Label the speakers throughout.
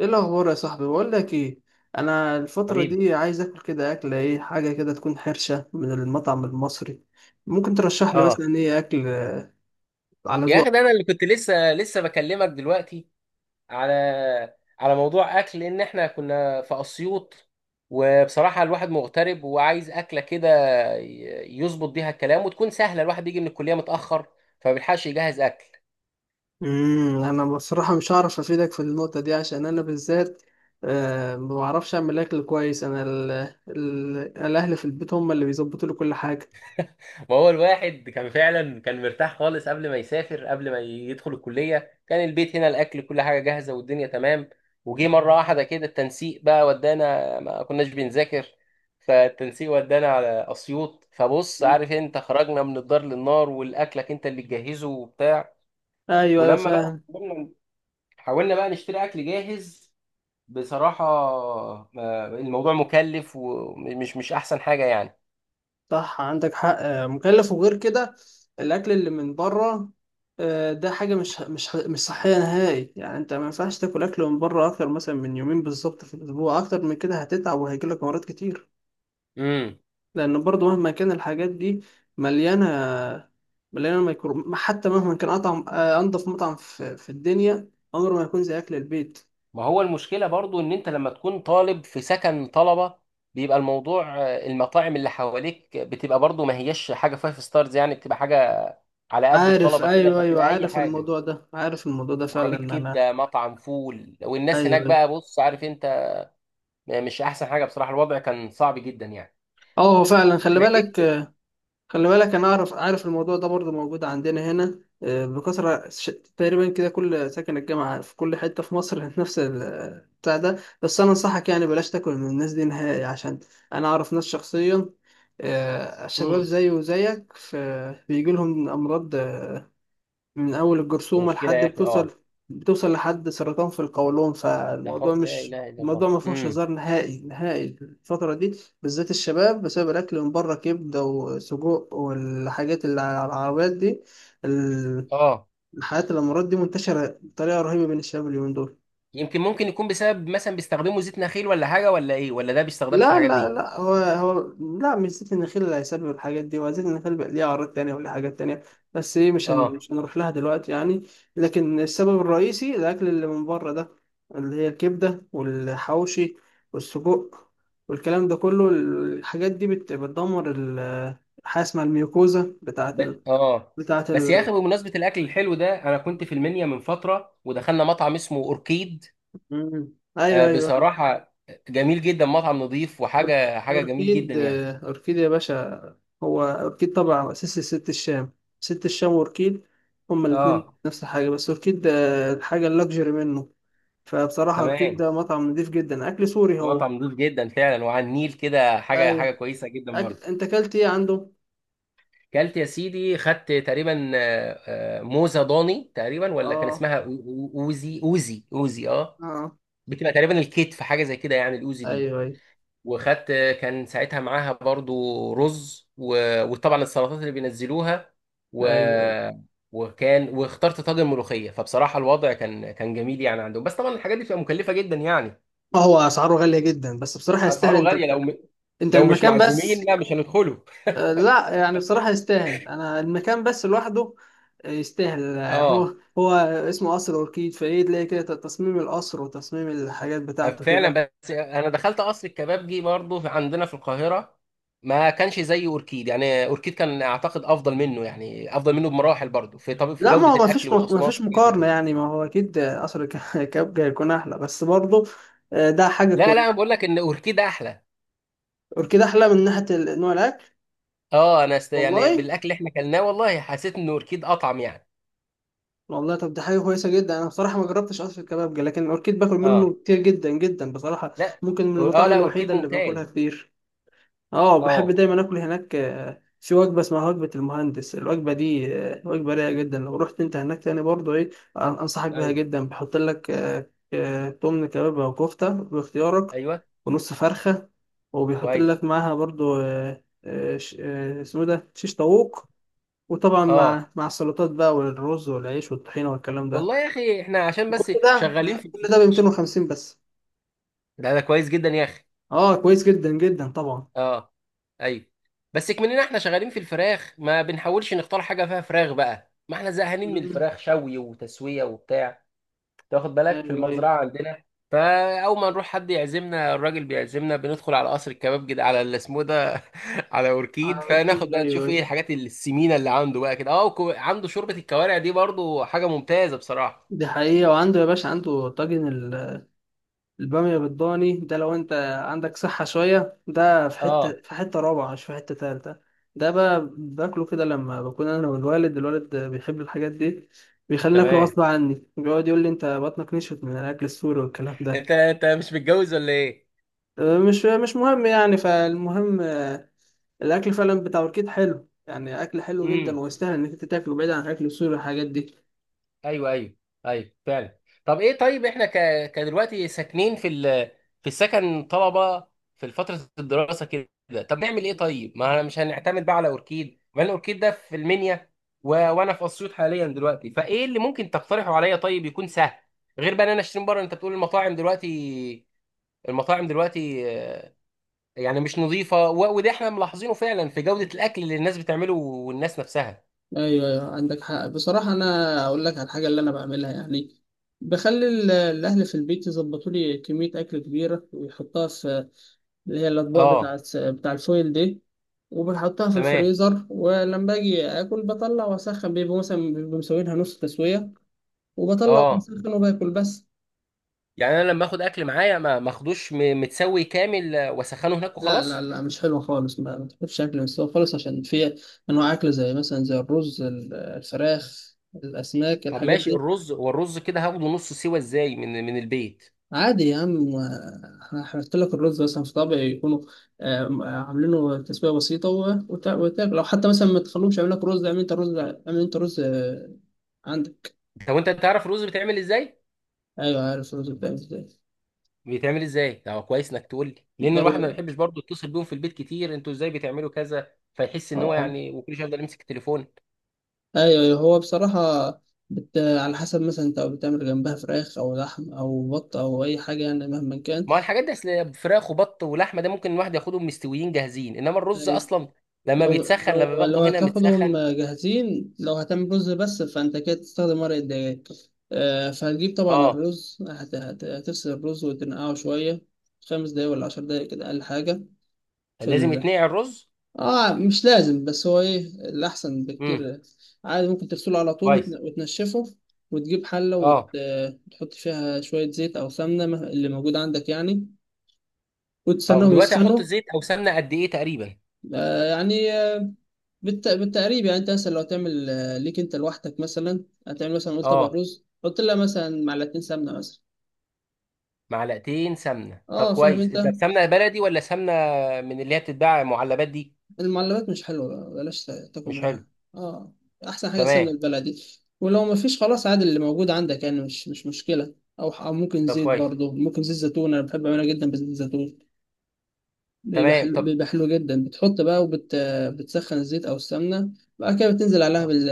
Speaker 1: ايه الاخبار يا صاحبي؟ بقول لك ايه، انا الفتره
Speaker 2: حبيبي،
Speaker 1: دي عايز اكل كده، اكله ايه، حاجه كده تكون حرشه من المطعم المصري. ممكن ترشح لي
Speaker 2: اه،
Speaker 1: مثلا ايه اكل على
Speaker 2: يا اخي،
Speaker 1: ذوقك؟
Speaker 2: ده انا اللي كنت لسه لسه بكلمك دلوقتي على على موضوع اكل، لان احنا كنا في اسيوط. وبصراحه الواحد مغترب وعايز اكله كده يظبط بيها الكلام وتكون سهله. الواحد بيجي من الكليه متاخر، فما بيلحقش يجهز اكل.
Speaker 1: انا بصراحه مش هعرف افيدك في النقطه دي، عشان انا بالذات ما بعرفش اعمل اكل كويس. انا ال ال الاهل في البيت هم اللي بيظبطوا لي كل حاجه.
Speaker 2: ما هو الواحد كان فعلا كان مرتاح خالص قبل ما يسافر، قبل ما يدخل الكلية. كان البيت هنا الأكل كل حاجة جاهزة والدنيا تمام. وجي مرة واحدة كده التنسيق بقى ودانا، ما كناش بنذاكر فالتنسيق ودانا على أسيوط. فبص،
Speaker 1: مم.
Speaker 2: عارف انت، خرجنا من الدار للنار، والأكلك انت اللي تجهزه وبتاع.
Speaker 1: ايوه، ايوه،
Speaker 2: ولما بقى
Speaker 1: فاهم.
Speaker 2: حاولنا، حاولنا بقى نشتري أكل جاهز، بصراحة الموضوع مكلف ومش مش أحسن حاجة يعني.
Speaker 1: صح، عندك حق. مكلف، وغير كده الاكل اللي من بره ده حاجه مش صحيه نهائي يعني. انت ما ينفعش تاكل اكل من بره اكتر مثلا من يومين بالظبط في الاسبوع، اكتر من كده هتتعب وهيجيلك امراض كتير.
Speaker 2: امم،
Speaker 1: لان برضه مهما كان الحاجات دي مليانه مليانه ميكرو. حتى مهما كان اطعم انضف مطعم في الدنيا، عمره ما يكون زي اكل البيت.
Speaker 2: ما هو المشكلة برضو ان انت لما تكون طالب في سكن طلبة، بيبقى الموضوع، المطاعم اللي حواليك بتبقى برضو ما هيش حاجة فايف ستارز يعني، بتبقى حاجة على قد
Speaker 1: عارف،
Speaker 2: الطلبة كده،
Speaker 1: ايوه، ايوه،
Speaker 2: فبتبقى اي
Speaker 1: عارف
Speaker 2: حاجة.
Speaker 1: الموضوع ده عارف الموضوع ده فعلا.
Speaker 2: عربية
Speaker 1: انا
Speaker 2: كبدة، مطعم فول، والناس هناك
Speaker 1: ايوه، أيوة.
Speaker 2: بقى بص، عارف انت، مش احسن حاجة. بصراحة الوضع كان صعب جدا يعني.
Speaker 1: اه، هو فعلا. خلي
Speaker 2: انا
Speaker 1: بالك،
Speaker 2: جبت
Speaker 1: خلي بالك، انا عارف الموضوع ده برضه موجود عندنا هنا بكثره، تقريبا كده كل ساكن الجامعه في كل حته في مصر نفس بتاع ده. بس انا انصحك يعني بلاش تاكل من الناس دي نهائي، عشان انا اعرف ناس شخصيا، شباب
Speaker 2: امم
Speaker 1: زيي وزيك، بيجي لهم امراض، من أول
Speaker 2: دي
Speaker 1: الجرثومة
Speaker 2: مشكلة
Speaker 1: لحد
Speaker 2: يا اخي.
Speaker 1: بتوصل
Speaker 2: اه،
Speaker 1: بتوصل لحد سرطان في القولون. فالموضوع
Speaker 2: لا
Speaker 1: مش
Speaker 2: اله الا الله.
Speaker 1: الموضوع ما فيهوش هزار نهائي، نهائي الفترة دي بالذات الشباب، بسبب الأكل من بره، كبدة وسجق والحاجات اللي على العربيات دي. ال-
Speaker 2: اه،
Speaker 1: الحاجات الأمراض دي منتشرة بطريقة رهيبة بين الشباب اليومين دول.
Speaker 2: يمكن ممكن يكون بسبب مثلا بيستخدموا زيت نخيل ولا حاجة، ولا ايه، ولا ده بيستخدمش في
Speaker 1: لا،
Speaker 2: الحاجات
Speaker 1: لا،
Speaker 2: دي.
Speaker 1: لا، هو، لا مش زيت النخيل اللي هيسبب الحاجات دي، وزيت النخيل بقى ليه أعراض تانية وليه حاجات تانية، بس إيه،
Speaker 2: اه.
Speaker 1: مش هنروح لها دلوقتي يعني. لكن السبب الرئيسي الأكل اللي من بره ده، اللي هي الكبدة والحواوشي والسجق والكلام ده كله. الحاجات دي بتدمر حاجة اسمها الميوكوزا بتاعة
Speaker 2: بس
Speaker 1: ال...
Speaker 2: اه
Speaker 1: بتاعة
Speaker 2: بس يا اخي،
Speaker 1: ال...
Speaker 2: بمناسبه الاكل الحلو ده، انا كنت في المنيا من فتره ودخلنا مطعم اسمه اوركيد.
Speaker 1: مم.
Speaker 2: آه،
Speaker 1: أيوه، أيوه،
Speaker 2: بصراحه جميل جدا، مطعم نظيف وحاجه جميل جدا
Speaker 1: أوركيد.
Speaker 2: يعني.
Speaker 1: أوركيد يا باشا، هو أوركيد طبعا أساسي ست الشام. ست الشام وأوركيد هما الاتنين
Speaker 2: اه
Speaker 1: نفس الحاجة، بس أوركيد ده الحاجة اللكجري منه. فبصراحة أوركيد
Speaker 2: تمام،
Speaker 1: ده مطعم نضيف جدا، أكل سوري هو.
Speaker 2: مطعم نظيف جدا فعلا، وعلى النيل كده حاجه
Speaker 1: أيوة.
Speaker 2: حاجه كويسه جدا
Speaker 1: أكل،
Speaker 2: برضه.
Speaker 1: أنت أكلت إيه عنده؟
Speaker 2: كلت يا سيدي، خدت تقريبا موزه ضاني، تقريبا ولا كان
Speaker 1: آه،
Speaker 2: اسمها اوزي. اه.
Speaker 1: آه،
Speaker 2: بتبقى تقريبا الكتف حاجه زي كده يعني، الاوزي دي.
Speaker 1: أيوه، أيوه،
Speaker 2: وخدت، كان ساعتها معاها برضو رز، و... وطبعا السلطات اللي بينزلوها. و...
Speaker 1: أيوه.
Speaker 2: وكان واخترت طاجن ملوخيه، فبصراحه الوضع كان جميل يعني عندهم. بس طبعا الحاجات دي بتبقى مكلفه جدا يعني.
Speaker 1: هو أسعاره غالية جدا، بس بصراحة يستاهل.
Speaker 2: اسعاره
Speaker 1: أنت
Speaker 2: غاليه،
Speaker 1: أنت
Speaker 2: لو مش
Speaker 1: المكان
Speaker 2: معزومين،
Speaker 1: بس.
Speaker 2: لا مش هندخله.
Speaker 1: لا يعني، بصراحة يستاهل، أنا المكان بس لوحده. يستاهل.
Speaker 2: اه
Speaker 1: هو. اسمه قصر أوركيد، فإيه تلاقي كده تصميم القصر وتصميم الحاجات بتاعته
Speaker 2: فعلا.
Speaker 1: كده.
Speaker 2: بس انا دخلت قصر الكبابجي برضو عندنا في القاهره، ما كانش زي اوركيد يعني. اوركيد كان اعتقد افضل منه يعني، افضل منه بمراحل برضو في طب في
Speaker 1: لا، ما هو
Speaker 2: جوده
Speaker 1: ما
Speaker 2: الاكل
Speaker 1: فيش ما
Speaker 2: والاصناف
Speaker 1: فيش
Speaker 2: وحاجات زي
Speaker 1: مقارنة
Speaker 2: كده.
Speaker 1: يعني. ما هو أكيد قصر كابجا هيكون أحلى، بس برضه ده حاجة
Speaker 2: لا لا، انا
Speaker 1: كويسة.
Speaker 2: بقول لك ان اوركيد احلى.
Speaker 1: أوركيد أحلى من ناحية نوع الأكل.
Speaker 2: اه، انا يعني
Speaker 1: والله،
Speaker 2: بالاكل اللي احنا اكلناه، والله حسيت ان اوركيد اطعم يعني.
Speaker 1: والله، طب دي حاجة كويسة جدا، أنا بصراحة ما جربتش قصر الكبابجا، لكن أوركيد باكل
Speaker 2: اه
Speaker 1: منه كتير جدا جدا بصراحة.
Speaker 2: لا،
Speaker 1: ممكن من
Speaker 2: اه
Speaker 1: المطاعم
Speaker 2: لا، اوركيد
Speaker 1: الوحيدة اللي باكلها
Speaker 2: ممتاز.
Speaker 1: كتير. اه، بحب
Speaker 2: اه.
Speaker 1: دايما اكل هناك. في وجبه اسمها وجبه المهندس. الوجبه دي وجبه رايقه جدا. لو رحت انت هناك تاني برضه ايه، انصحك بيها
Speaker 2: ايوه
Speaker 1: جدا. بحط لك تمن كباب او كفته باختيارك،
Speaker 2: ايوه،
Speaker 1: ونص فرخه، وبيحط
Speaker 2: كويس.
Speaker 1: لك معاها برضه اسمه ده شيش طاووق. وطبعا
Speaker 2: اه،
Speaker 1: مع السلطات بقى والرز والعيش والطحينه والكلام ده.
Speaker 2: والله يا اخي احنا عشان بس شغالين
Speaker 1: كل
Speaker 2: في
Speaker 1: ده ب 250 بس.
Speaker 2: ده كويس جدا يا اخي.
Speaker 1: اه، كويس جدا جدا طبعا.
Speaker 2: اه ايوه. بس كمننا احنا شغالين في الفراخ، ما بنحاولش نختار حاجه فيها فراخ بقى، ما احنا زهقانين من
Speaker 1: مم.
Speaker 2: الفراخ شوي وتسويه وبتاع. تاخد بالك، في
Speaker 1: ايوه، ايوه،
Speaker 2: المزرعه عندنا. فاول ما نروح حد يعزمنا، الراجل بيعزمنا بندخل على قصر الكباب كده، على اللي اسمه ده على اوركيد.
Speaker 1: على
Speaker 2: فناخد
Speaker 1: الأكيد،
Speaker 2: بقى نشوف
Speaker 1: ايوه.
Speaker 2: ايه الحاجات السمينه اللي عنده بقى كده. اه، عنده شوربه الكوارع دي برضو حاجه ممتازه بصراحه.
Speaker 1: دي حقيقة. وعنده يا باشا، عنده طاجن البامية بالضاني ده، لو انت عندك صحة شوية، ده في
Speaker 2: اه
Speaker 1: حتة في حتة رابعة، مش في حتة تالتة. ده بقى باكله كده لما بكون انا والوالد، الوالد بيحب الحاجات دي، بيخليني اكله
Speaker 2: تمام.
Speaker 1: غصب عني. بيقعد يقول لي: انت بطنك نشفت من الاكل السوري والكلام
Speaker 2: انت
Speaker 1: ده.
Speaker 2: انت مش متجوز ولا ايه؟
Speaker 1: مش مهم يعني. فالمهم الاكل فعلا بتاع اوركيد حلو يعني، اكل حلو جدا،
Speaker 2: امم،
Speaker 1: ويستاهل انك انت تاكله، بعيد عن الاكل السوري والحاجات دي.
Speaker 2: ايوه ايوه، ايوه فعلا. طب ايه؟ طيب احنا كدلوقتي ساكنين في السكن طلبه، في فتره الدراسه كده. طب نعمل ايه طيب؟ ما انا مش هنعتمد بقى على اوركيد، ما الاوركيد ده في المنيا، وانا في اسيوط حاليا دلوقتي. فايه اللي ممكن تقترحه عليا طيب يكون سهل، غير بقى ان انا اشتري من بره؟ انت بتقول المطاعم دلوقتي، المطاعم دلوقتي آه، يعني مش نظيفه، وده احنا ملاحظينه فعلا في جوده الاكل اللي الناس بتعمله والناس نفسها.
Speaker 1: ايوه، ايوه، عندك حق بصراحه. انا اقول لك على الحاجه اللي انا بعملها يعني. بخلي الاهل في البيت يظبطوا لي كميه اكل كبيره ويحطها في اللي هي الاطباق
Speaker 2: اه
Speaker 1: بتاع الفويل دي. وبنحطها في
Speaker 2: تمام.
Speaker 1: الفريزر، ولما باجي اكل بطلع واسخن. بيبقوا مثلا مسوينها نص تسويه، وبطلع
Speaker 2: اه
Speaker 1: وبسخن وباكل بس.
Speaker 2: يعني انا لما اخد اكل معايا، ما اخدوش متسوي كامل، واسخنه هناك
Speaker 1: لا، لا،
Speaker 2: وخلاص.
Speaker 1: لا، مش حلوه خالص، ما تاكلش اكل مستوي خالص، عشان في انواع اكل زي مثلا الرز، الفراخ، الاسماك،
Speaker 2: طب
Speaker 1: الحاجات
Speaker 2: ماشي،
Speaker 1: دي.
Speaker 2: الرز، والرز كده هاخده نص سوا ازاي من البيت؟
Speaker 1: عادي يا عم. هحط لك الرز مثلا في طبق يكونوا عاملينه تسويه بسيطه، وتاكل. لو حتى مثلا ما تخلوهمش يعمل لك رز، اعمل انت رز، اعمل انت رز عندك.
Speaker 2: طب انت تعرف الرز بيتعمل ازاي؟
Speaker 1: ايوه، عارف الرز بتاعي ازاي.
Speaker 2: بيتعمل ازاي، ده هو كويس انك تقول لي، لان الواحد ما
Speaker 1: لو
Speaker 2: بيحبش برضه يتصل بيهم في البيت كتير. انتوا ازاي بتعملوا كذا، فيحس ان هو
Speaker 1: اه
Speaker 2: يعني، وكل شويه يفضل يمسك التليفون.
Speaker 1: ايوه، أيوة. هو بصراحه على حسب مثلا انت بتعمل جنبها فراخ او لحم او بط او اي حاجه يعني مهما كان.
Speaker 2: ما هو الحاجات دي اصل فراخ وبط ولحمه، ده ممكن الواحد ياخدهم مستويين جاهزين. انما الرز اصلا لما
Speaker 1: لو
Speaker 2: بيتسخن، لما
Speaker 1: لو لو
Speaker 2: باخده هنا
Speaker 1: هتاخدهم
Speaker 2: متسخن.
Speaker 1: جاهزين، لو هتعمل رز بس، فانت كده تستخدم ورق الدجاج. فهتجيب طبعا
Speaker 2: اه،
Speaker 1: الرز. هتغسل الرز وتنقعه شوية، 5 دقايق ولا 10 دقايق كده، أقل حاجة. في
Speaker 2: لازم
Speaker 1: ال...
Speaker 2: يتنقع الرز؟
Speaker 1: اه، مش لازم، بس هو ايه، الأحسن
Speaker 2: امم،
Speaker 1: بكتير. عادي ممكن تغسله على طول
Speaker 2: كويس.
Speaker 1: وتنشفه، وتجيب حلة،
Speaker 2: اه،
Speaker 1: وتحط فيها شوية زيت أو سمنة اللي موجود عندك يعني،
Speaker 2: طب
Speaker 1: وتستناهم
Speaker 2: دلوقتي
Speaker 1: يسخنوا.
Speaker 2: هحط زيت او سمنه قد ايه تقريبا؟
Speaker 1: يعني بالتقريب يعني، انت مثلا لو تعمل ليك انت لوحدك مثلا، هتعمل مثلا قول طبق
Speaker 2: اه،
Speaker 1: رز، حط لها مثلا معلقتين سمنه مثلا.
Speaker 2: معلقتين سمنه. طب
Speaker 1: اه، فاهم
Speaker 2: كويس،
Speaker 1: انت.
Speaker 2: ده سمنه بلدي ولا سمنه من اللي هي بتتباع معلبات دي؟
Speaker 1: المعلبات مش حلوه بقى، بلاش تاكل
Speaker 2: مش حلو.
Speaker 1: منها. اه، احسن حاجه
Speaker 2: تمام.
Speaker 1: السمنه البلدي. ولو ما فيش خلاص، عادي اللي موجود عندك يعني، مش مشكله، او ممكن
Speaker 2: طب
Speaker 1: زيت
Speaker 2: كويس.
Speaker 1: برضه، ممكن زيت زيتون، انا بحب اعملها جدا بزيت زيتون. بيبقى
Speaker 2: تمام.
Speaker 1: حلو،
Speaker 2: طب
Speaker 1: بيبقى حلو جدا. بتحط بقى بتسخن الزيت او السمنه، بعد كده بتنزل عليها
Speaker 2: آه.
Speaker 1: بال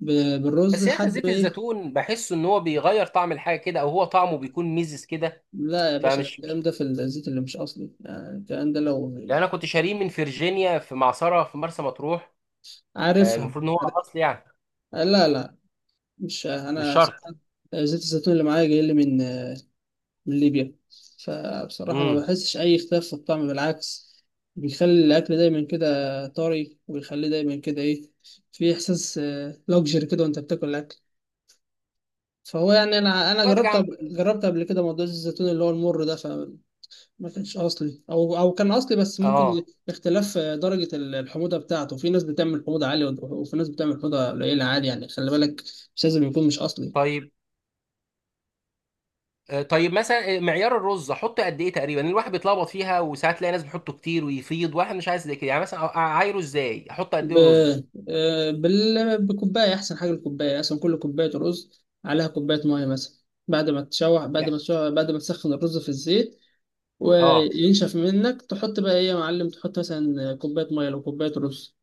Speaker 1: ب- بالرز
Speaker 2: بس يا اخي،
Speaker 1: لحد
Speaker 2: زيت
Speaker 1: ما ايه.
Speaker 2: الزيتون بحس ان هو بيغير طعم الحاجه كده، او هو طعمه بيكون ميزز كده.
Speaker 1: لا يا باشا، ده
Speaker 2: فمش
Speaker 1: الكلام
Speaker 2: مش
Speaker 1: ده في الزيت اللي مش اصلي، يعني الكلام ده لو
Speaker 2: لان انا كنت شاريه من فيرجينيا في معصره في مرسى مطروح.
Speaker 1: عارفها.
Speaker 2: المفروض ان هو
Speaker 1: عارف.
Speaker 2: اصل يعني.
Speaker 1: لا، لا، مش
Speaker 2: مش
Speaker 1: انا.
Speaker 2: شرط.
Speaker 1: زيت الزيتون اللي معايا جاي لي من ليبيا، فبصراحة ما
Speaker 2: امم.
Speaker 1: بحسش اي اختلاف في الطعم، بالعكس، بيخلي الاكل دايما كده طري، ويخليه دايما كده ايه، في احساس لوكجري كده وانت بتاكل الاكل. فهو يعني انا
Speaker 2: ارجع
Speaker 1: جربت،
Speaker 2: اعمل.
Speaker 1: قبل كده موضوع زيت الزيتون اللي هو المر ده، ما كانش اصلي، او كان اصلي بس ممكن
Speaker 2: اه
Speaker 1: اختلاف درجه الحموضه بتاعته. في ناس بتعمل حموضه عاليه، وفي ناس بتعمل حموضه قليله، عادي يعني، خلي بالك مش لازم يكون مش اصلي.
Speaker 2: طيب. طيب مثلا، معيار الرز احطه قد ايه تقريبا؟ الواحد بيتلخبط فيها، وساعات تلاقي ناس بتحطه كتير ويفيض، واحد مش عايز زي كده يعني. مثلا اعايره ازاي، احط قد
Speaker 1: ب...
Speaker 2: ايه رز؟
Speaker 1: بكوبايه احسن حاجه. الكوبايه اصلا، كل كوبايه رز عليها كوبايه ميه مثلا. بعد ما تشوح بعد ما
Speaker 2: يعني
Speaker 1: تشوح بعد ما تسخن الرز في الزيت،
Speaker 2: اه،
Speaker 1: وينشف منك، تحط بقى ايه يا معلم، تحط مثلا كوبايه ميه لو كوبايه رز.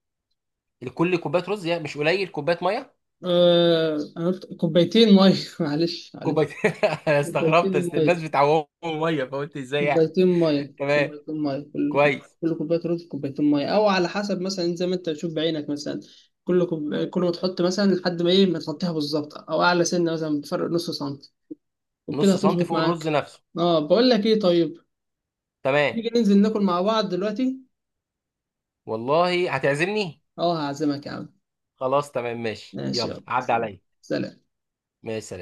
Speaker 2: لكل كوبايه رز يعني، مش قليل كوبايه ميه؟
Speaker 1: أنا قلت كوبايتين ميه. معلش،
Speaker 2: كوبايه.
Speaker 1: معلش،
Speaker 2: انا
Speaker 1: كوبايتين
Speaker 2: استغربت اصل
Speaker 1: ميه،
Speaker 2: الناس بتعوم ميه، فقلت ازاي يعني.
Speaker 1: كوبايتين ميه،
Speaker 2: تمام،
Speaker 1: كوبايتين ميه. كل
Speaker 2: كويس.
Speaker 1: كل كوبايه رز كوبايتين ميه، او على حسب مثلا، انت زي ما انت تشوف بعينك مثلا. كل ما تحط مثلا لحد ما ايه، ما تغطيها بالظبط، او اعلى سنه مثلا بفرق نص سنتي، وبكده
Speaker 2: نص سنتي
Speaker 1: هتظبط
Speaker 2: فوق الرز
Speaker 1: معاك.
Speaker 2: نفسه.
Speaker 1: اه، بقول لك ايه، طيب
Speaker 2: تمام.
Speaker 1: نيجي ننزل ناكل مع بعض دلوقتي.
Speaker 2: والله هتعزمني؟
Speaker 1: اه، هعزمك يا عم.
Speaker 2: خلاص تمام، ماشي،
Speaker 1: ماشي،
Speaker 2: يلا
Speaker 1: يلا
Speaker 2: عدى
Speaker 1: سلام.
Speaker 2: عليا.
Speaker 1: سلام.
Speaker 2: ماشي سلام.